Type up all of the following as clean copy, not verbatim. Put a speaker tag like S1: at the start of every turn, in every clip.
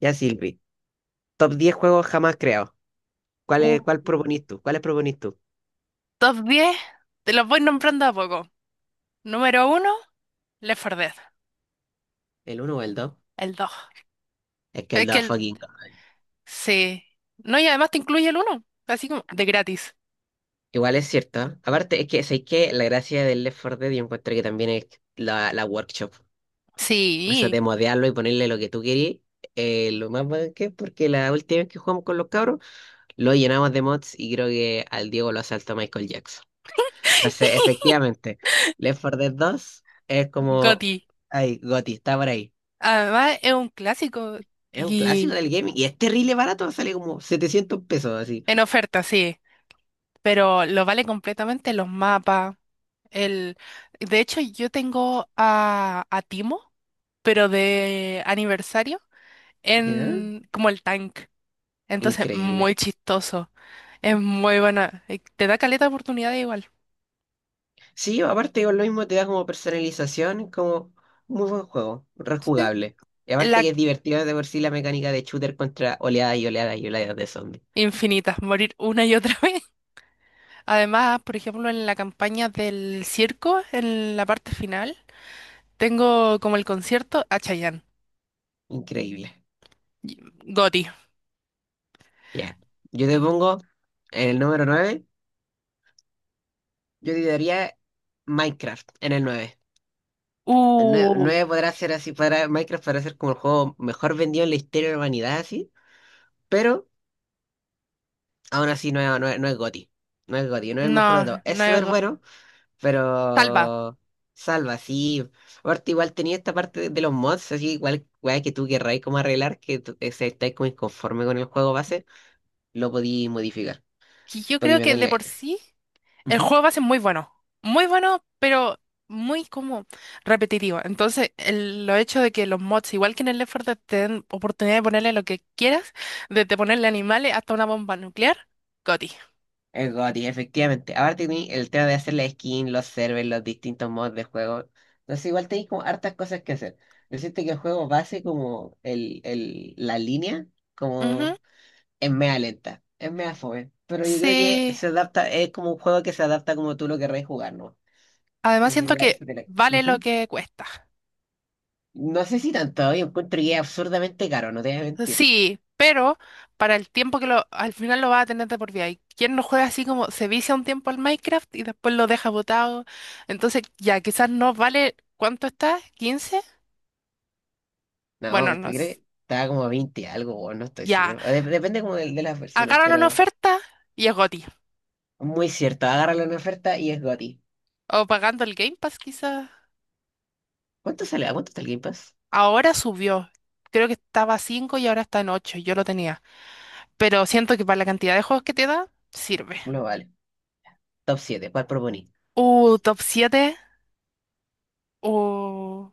S1: Ya, Silvi. Top 10 juegos jamás creados. ¿Cuál
S2: Uh.
S1: es, cuál proponís tú? ¿Cuáles proponís tú?
S2: Top 10, te los voy nombrando a poco. Número uno, Left 4 Dead.
S1: ¿El uno o el dos?
S2: El dos.
S1: Es que el
S2: Es que
S1: 2 es
S2: el...
S1: fucking God.
S2: sí. No, y además te incluye el uno así como de gratis.
S1: Igual es cierto, ¿eh? Aparte, es que, ¿sabéis qué? La gracia del Left 4 Dead yo encuentro que también es la workshop. Eso
S2: Sí,
S1: de modearlo y ponerle lo que tú querís. Lo más bueno que es porque la última vez que jugamos con los cabros lo llenamos de mods y creo que al Diego lo asaltó Michael Jackson. Entonces, efectivamente, Left 4 Dead 2 es como...
S2: goti.
S1: Ay, Goti, está por ahí.
S2: Además es un clásico
S1: Es un clásico
S2: y
S1: del gaming y es terrible barato, sale como 700 pesos así.
S2: en oferta, sí. Pero lo vale completamente los mapas. El... de hecho, yo tengo a Timo, pero de aniversario,
S1: ¿Ya?
S2: en como el tank. Entonces,
S1: Increíble.
S2: muy chistoso. Es muy buena. Te da caleta de oportunidades igual.
S1: Sí, aparte con lo mismo te da como personalización, como muy buen juego,
S2: Sí.
S1: rejugable. Y aparte
S2: La
S1: que es divertido de por sí la mecánica de shooter contra oleadas y oleadas y oleadas de zombies.
S2: infinita, morir una y otra vez. Además, por ejemplo, en la campaña del circo, en la parte final, tengo como el concierto a Chayanne.
S1: Increíble.
S2: Y- goti.
S1: Ya. Yo te pongo en el número nueve, yo te daría Minecraft en el nueve. El
S2: Uh,
S1: 9 podrá ser así, para Minecraft podrá ser como el juego mejor vendido en la historia de la humanidad, así, pero aún así, no es GOTY. No es GOTY, no es el mejor de todos.
S2: no,
S1: Es súper bueno,
S2: Salva.
S1: pero salva, sí. Aparte, igual tenía esta parte de los mods, así igual weá, que tú querráis como arreglar, se estáis como inconforme con el juego base, lo podí modificar.
S2: Que yo
S1: Podí
S2: creo que de
S1: meterle.
S2: por sí. El
S1: Ujú.
S2: juego base es muy bueno, muy bueno, pero muy como repetitivo. Entonces, el, lo hecho de que los mods, igual que en el Left 4 Dead, te den oportunidad de ponerle lo que quieras, desde ponerle animales hasta una bomba nuclear, goti.
S1: Es GOTY, efectivamente. Aparte, tení el tema de hacer la skin, los servers, los distintos mods de juego. Entonces, igual tenéis como hartas cosas que hacer. Decirte que el juego base, como la línea,
S2: Ujú.
S1: como. Es mea lenta, es mea fome. Pero yo creo que
S2: Sí,
S1: se adapta, es como un juego que se adapta como tú lo querrás jugar, ¿no?
S2: además
S1: Si
S2: siento
S1: te la-
S2: que
S1: si te la-
S2: vale lo
S1: Ujú.
S2: que cuesta.
S1: No sé si tanto, yo encuentro que es absurdamente caro, no te voy a mentir.
S2: Sí, pero para el tiempo que lo, al final lo va a tener de por vida. Y quien no juega así como se vicia un tiempo al Minecraft y después lo deja botado. Entonces, ya quizás no vale, ¿cuánto está? Quince.
S1: No,
S2: Bueno,
S1: pues, ¿tú
S2: no.
S1: crees? Estaba como a 20 algo, o no estoy
S2: Ya,
S1: seguro. Depende como de las versiones,
S2: agarran una
S1: pero
S2: oferta y es goti.
S1: muy cierto. Agárralo en oferta y es goti.
S2: O pagando el Game Pass quizás.
S1: ¿Cuánto sale? ¿A cuánto está el Game Pass?
S2: Ahora subió. Creo que estaba a 5 y ahora está en 8. Yo lo tenía. Pero siento que para la cantidad de juegos que te da, sirve.
S1: No vale. Top siete. ¿Cuál proponí?
S2: Top siete. Uh.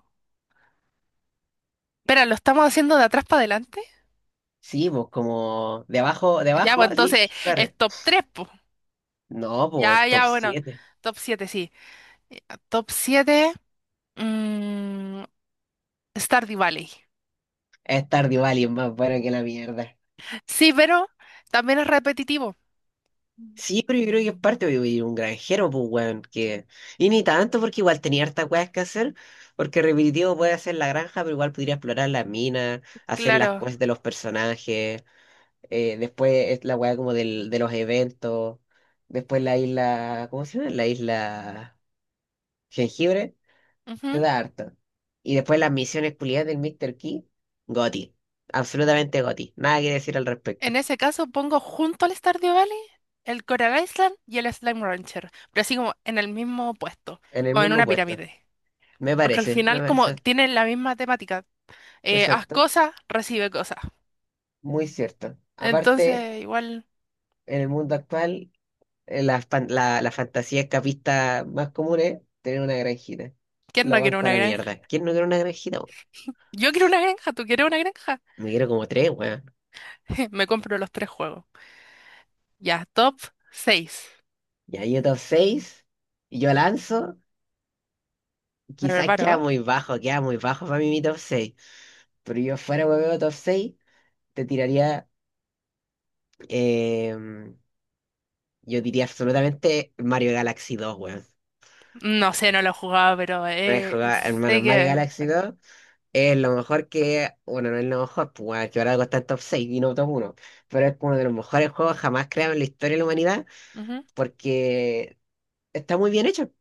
S2: Espera, ¿lo estamos haciendo de atrás para adelante?
S1: Sí, pues como de
S2: Ya,
S1: abajo,
S2: pues
S1: así,
S2: entonces
S1: sh,
S2: es
S1: barre.
S2: top 3, pues.
S1: No,
S2: Ya,
S1: pues top
S2: ya, bueno.
S1: siete.
S2: Top siete, sí. Eh, top 7, mm, Stardew Valley.
S1: Es Stardew Valley es más bueno que la mierda.
S2: Sí, pero también es repetitivo.
S1: Sí, pero yo creo que es parte de vivir un granjero, pues, weón, que... Y ni tanto, porque igual tenía hartas weas que hacer, porque repetitivo puede hacer la granja, pero igual podría explorar las minas, hacer las
S2: Claro.
S1: quests de los personajes, después es la wea como del, de los eventos, después la isla... ¿Cómo se llama? La isla Jengibre, te da harto. Y después las misiones culiadas del Mr. Key. Goti. Absolutamente Goti. Nada que decir al
S2: En
S1: respecto.
S2: ese caso pongo junto al Stardew Valley el Coral Island y el Slime Rancher, pero así como en el mismo puesto,
S1: En el
S2: como en
S1: mismo
S2: una
S1: puesto.
S2: pirámide.
S1: Me
S2: Porque al
S1: parece, me
S2: final como
S1: parece.
S2: tienen la misma temática. Haz
S1: Exacto.
S2: cosas, recibe cosas.
S1: Muy cierto. Aparte,
S2: Entonces, igual,
S1: en el mundo actual, la fantasía escapista más común es tener una granjita.
S2: ¿quién no
S1: Lo
S2: quiere
S1: banco a
S2: una
S1: la
S2: granja?
S1: mierda. ¿Quién no quiere una granjita, weón?
S2: Yo quiero una granja, ¿tú quieres una granja?
S1: Me quiero como tres, weón.
S2: Me compro los tres juegos. Ya, top seis.
S1: Y ahí yo top 6, y yo lanzo,
S2: ¿Me
S1: quizás
S2: preparo, eh?
S1: queda muy bajo para mí mi top seis. Pero yo fuera, weón, top 6 te tiraría, em, yo diría absolutamente Mario Galaxy dos, weón.
S2: No sé, no lo he jugado, pero
S1: No he jugado,
S2: sé
S1: hermano, Mario
S2: que,
S1: Galaxy
S2: bueno.
S1: dos. Es lo mejor que, bueno, no es lo mejor, pues bueno, que ahora algo está en top 6 y no top uno, pero es uno de los mejores juegos jamás creados en la historia de la humanidad,
S2: Ujú.
S1: porque está muy bien hecho,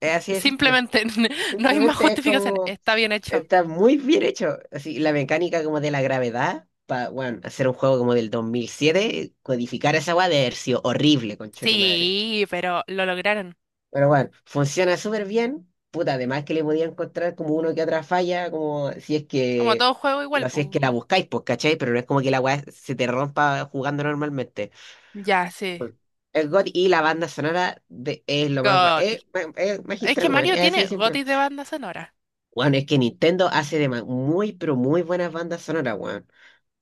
S1: es así de simple.
S2: Simplemente no hay más
S1: Simplemente es
S2: justificación.
S1: como,
S2: Está bien hecho.
S1: está muy bien hecho. Así, la mecánica como de la gravedad, para, bueno, hacer un juego como del 2007 codificar esa weá de haber sido horrible, conche tu madre.
S2: Sí, pero lo lograron.
S1: Pero bueno, funciona súper bien. Puta, además que le podía encontrar como uno que otra falla, como si es
S2: Como
S1: que,
S2: todo juego igual,
S1: no, si
S2: pues.
S1: es que la buscáis, pues, ¿cachai? Pero no es como que la weá se te rompa jugando normalmente.
S2: Ya, sí.
S1: El God y la banda sonora de, es lo más.
S2: GOTY.
S1: Es
S2: Es que
S1: magistral, weón.
S2: Mario
S1: Es así de
S2: tiene
S1: simple.
S2: GOTY de banda sonora.
S1: Weón, es que Nintendo hace muy, pero muy buenas bandas sonoras, weón.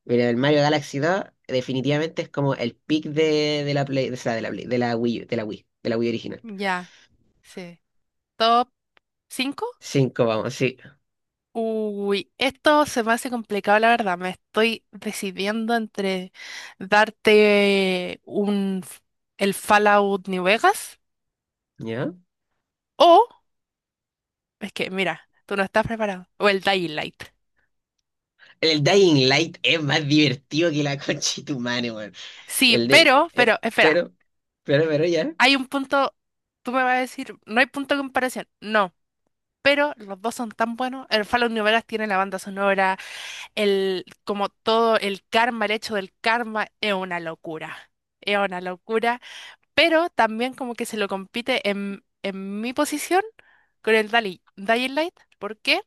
S1: Mira, el Mario Galaxy 2 definitivamente es como el pick de la Play, o sea, de la Play, de la Wii, de la Wii original.
S2: Ya, sí. Top 5.
S1: Cinco vamos, sí.
S2: Uy, esto se me hace complicado, la verdad. Me estoy decidiendo entre darte un el Fallout New Vegas
S1: ¿Ya?
S2: o es que, mira, tú no estás preparado. O el Dying Light.
S1: El Dying Light es más divertido que la concha de tu madre, weón.
S2: Sí,
S1: El de.
S2: pero, espera,
S1: Pero ya.
S2: hay un punto, tú me vas a decir, no hay punto de comparación. No. Pero los dos son tan buenos. El Fallout New Vegas tiene la banda sonora, el, como todo el karma, el hecho del karma, es una locura. Es una locura. Pero también como que se lo compite en mi posición con el Dali, Dying Light. ¿Por qué?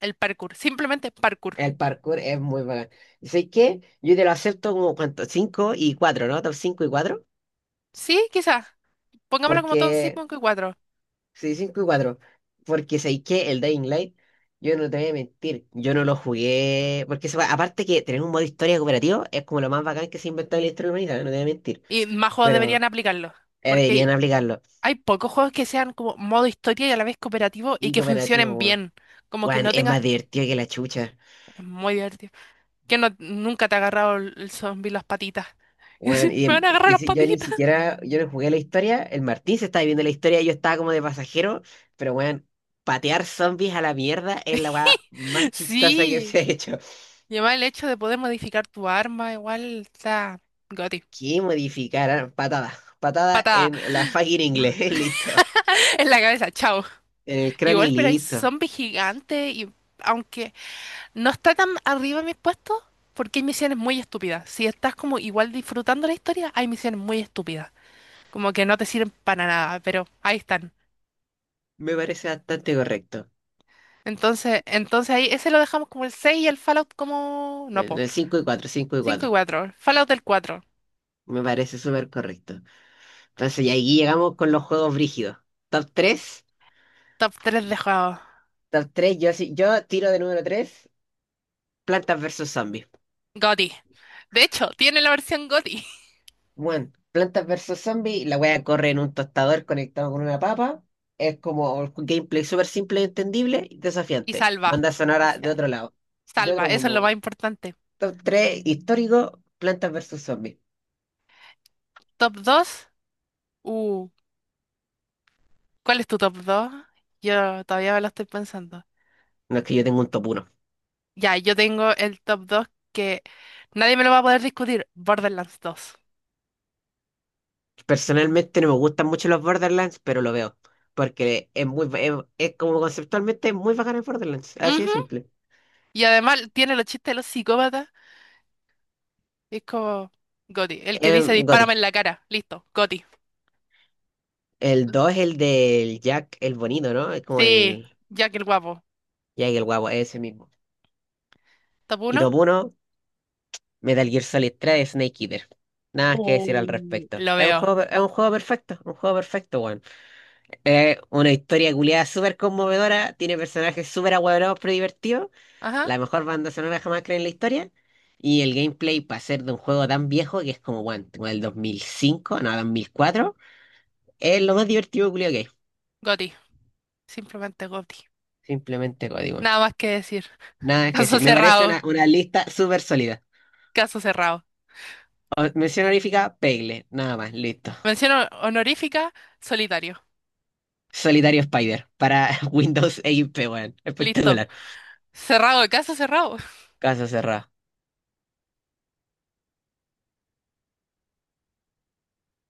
S2: El parkour. Simplemente parkour.
S1: El parkour es muy bacán. ¿Y sabes qué? Yo te lo acepto como cuánto, cinco y 4, ¿no? Top 5 y cuatro.
S2: Sí, quizás. Pongámoslo como Tom
S1: Porque.
S2: cinco y cuatro.
S1: Sí, cinco y cuatro. Porque, ¿sabes qué? El Dying Light, yo no te voy a mentir. Yo no lo jugué. Aparte que tener un modo historia cooperativo es como lo más bacán que se ha inventado en la historia de la humanidad, no te voy a mentir.
S2: Y más juegos
S1: Pero
S2: deberían aplicarlo.
S1: deberían
S2: Porque
S1: aplicarlo.
S2: hay pocos juegos que sean como modo historia y a la vez cooperativo y
S1: Y
S2: que
S1: cooperativo,
S2: funcionen
S1: weón.
S2: bien. Como que
S1: Weón,
S2: no
S1: es
S2: tengas...
S1: más divertido que la chucha.
S2: Es muy divertido. Que no, nunca te ha agarrado el zombie las patitas. Y
S1: Bueno,
S2: decir, me van a agarrar las
S1: yo ni
S2: patitas.
S1: siquiera, yo no jugué la historia, el Martín se estaba viviendo la historia, yo estaba como de pasajero, pero bueno, patear zombies a la mierda es la weá más chistosa que
S2: Sí,
S1: se ha hecho.
S2: y además el hecho de poder modificar tu arma, igual está goti.
S1: ¿Qué modificar? Ah, patada, patada
S2: Patada
S1: en la fucking inglés, listo.
S2: en la cabeza, chao.
S1: En el cráneo y
S2: Igual, pero hay
S1: listo.
S2: zombies gigantes y aunque no está tan arriba mis puestos, porque hay misiones muy estúpidas. Si estás como igual disfrutando la historia, hay misiones muy estúpidas, como que no te sirven para nada, pero ahí están.
S1: Me parece bastante correcto.
S2: Entonces, entonces ahí ese lo dejamos como el 6 y el Fallout como no,
S1: En
S2: po.
S1: el 5 y cuatro, 5 y
S2: Cinco y
S1: cuatro.
S2: 4 Fallout del cuatro.
S1: Me parece súper correcto. Entonces, y aquí llegamos con los juegos brígidos. Top tres.
S2: Top 3 de juegos.
S1: Yo tiro de número tres, plantas versus zombies.
S2: GOTY. De hecho, tiene la versión GOTY.
S1: Bueno, Plantas versus Zombies, la wea corre en un tostador conectado con una papa. Es como un gameplay súper simple, entendible y
S2: Y
S1: desafiante.
S2: salva.
S1: Banda
S2: Y
S1: sonora de
S2: sa-
S1: otro lado, de
S2: Salva.
S1: otro
S2: Eso es
S1: mundo,
S2: lo más
S1: weón.
S2: importante.
S1: Top 3 histórico, Plantas versus Zombies.
S2: Top dos. Uh, ¿Cuál es tu top dos? Yo todavía me lo estoy pensando.
S1: No, es que yo tengo un top uno.
S2: Ya, yo tengo el top 2 que nadie me lo va a poder discutir. Borderlands dos.
S1: Personalmente no me gustan mucho los Borderlands, pero lo veo. Porque es como conceptualmente muy bacán el Borderlands. Así de
S2: Ujú.
S1: simple.
S2: Y además tiene los chistes de los psicópatas. Es como GOTY. El que dice
S1: Gotti.
S2: dispárame en la cara. Listo. GOTY.
S1: El 2 es el del Jack el bonito, ¿no? Es como
S2: Sí,
S1: el
S2: Jack el guapo.
S1: Jack el guapo, es ese mismo.
S2: Top
S1: Y
S2: uno.
S1: top uno, Metal Gear Solid 3 Snake Eater. Nada más que decir al
S2: Mm,
S1: respecto.
S2: lo veo.
S1: Es un juego perfecto, weón. Es una historia culiada súper conmovedora, tiene personajes súper ahueonados pero divertidos,
S2: Ajá.
S1: la mejor banda sonora jamás creada en la historia, y el gameplay para ser de un juego tan viejo que es como, weón, como el 2005, no, 2004, es lo más divertido culiado que hay.
S2: Goti. Simplemente goti.
S1: Simplemente código.
S2: Nada más que decir.
S1: Nada que
S2: Caso
S1: decir, me parece
S2: cerrado.
S1: una lista súper sólida.
S2: Caso cerrado.
S1: Mención honorífica, Pegle, nada más, listo.
S2: Mención honorífica, solitario.
S1: Solitario Spider para Windows XP, weón.
S2: Listo.
S1: Espectacular.
S2: Cerrado, caso cerrado.
S1: Casa cerrada.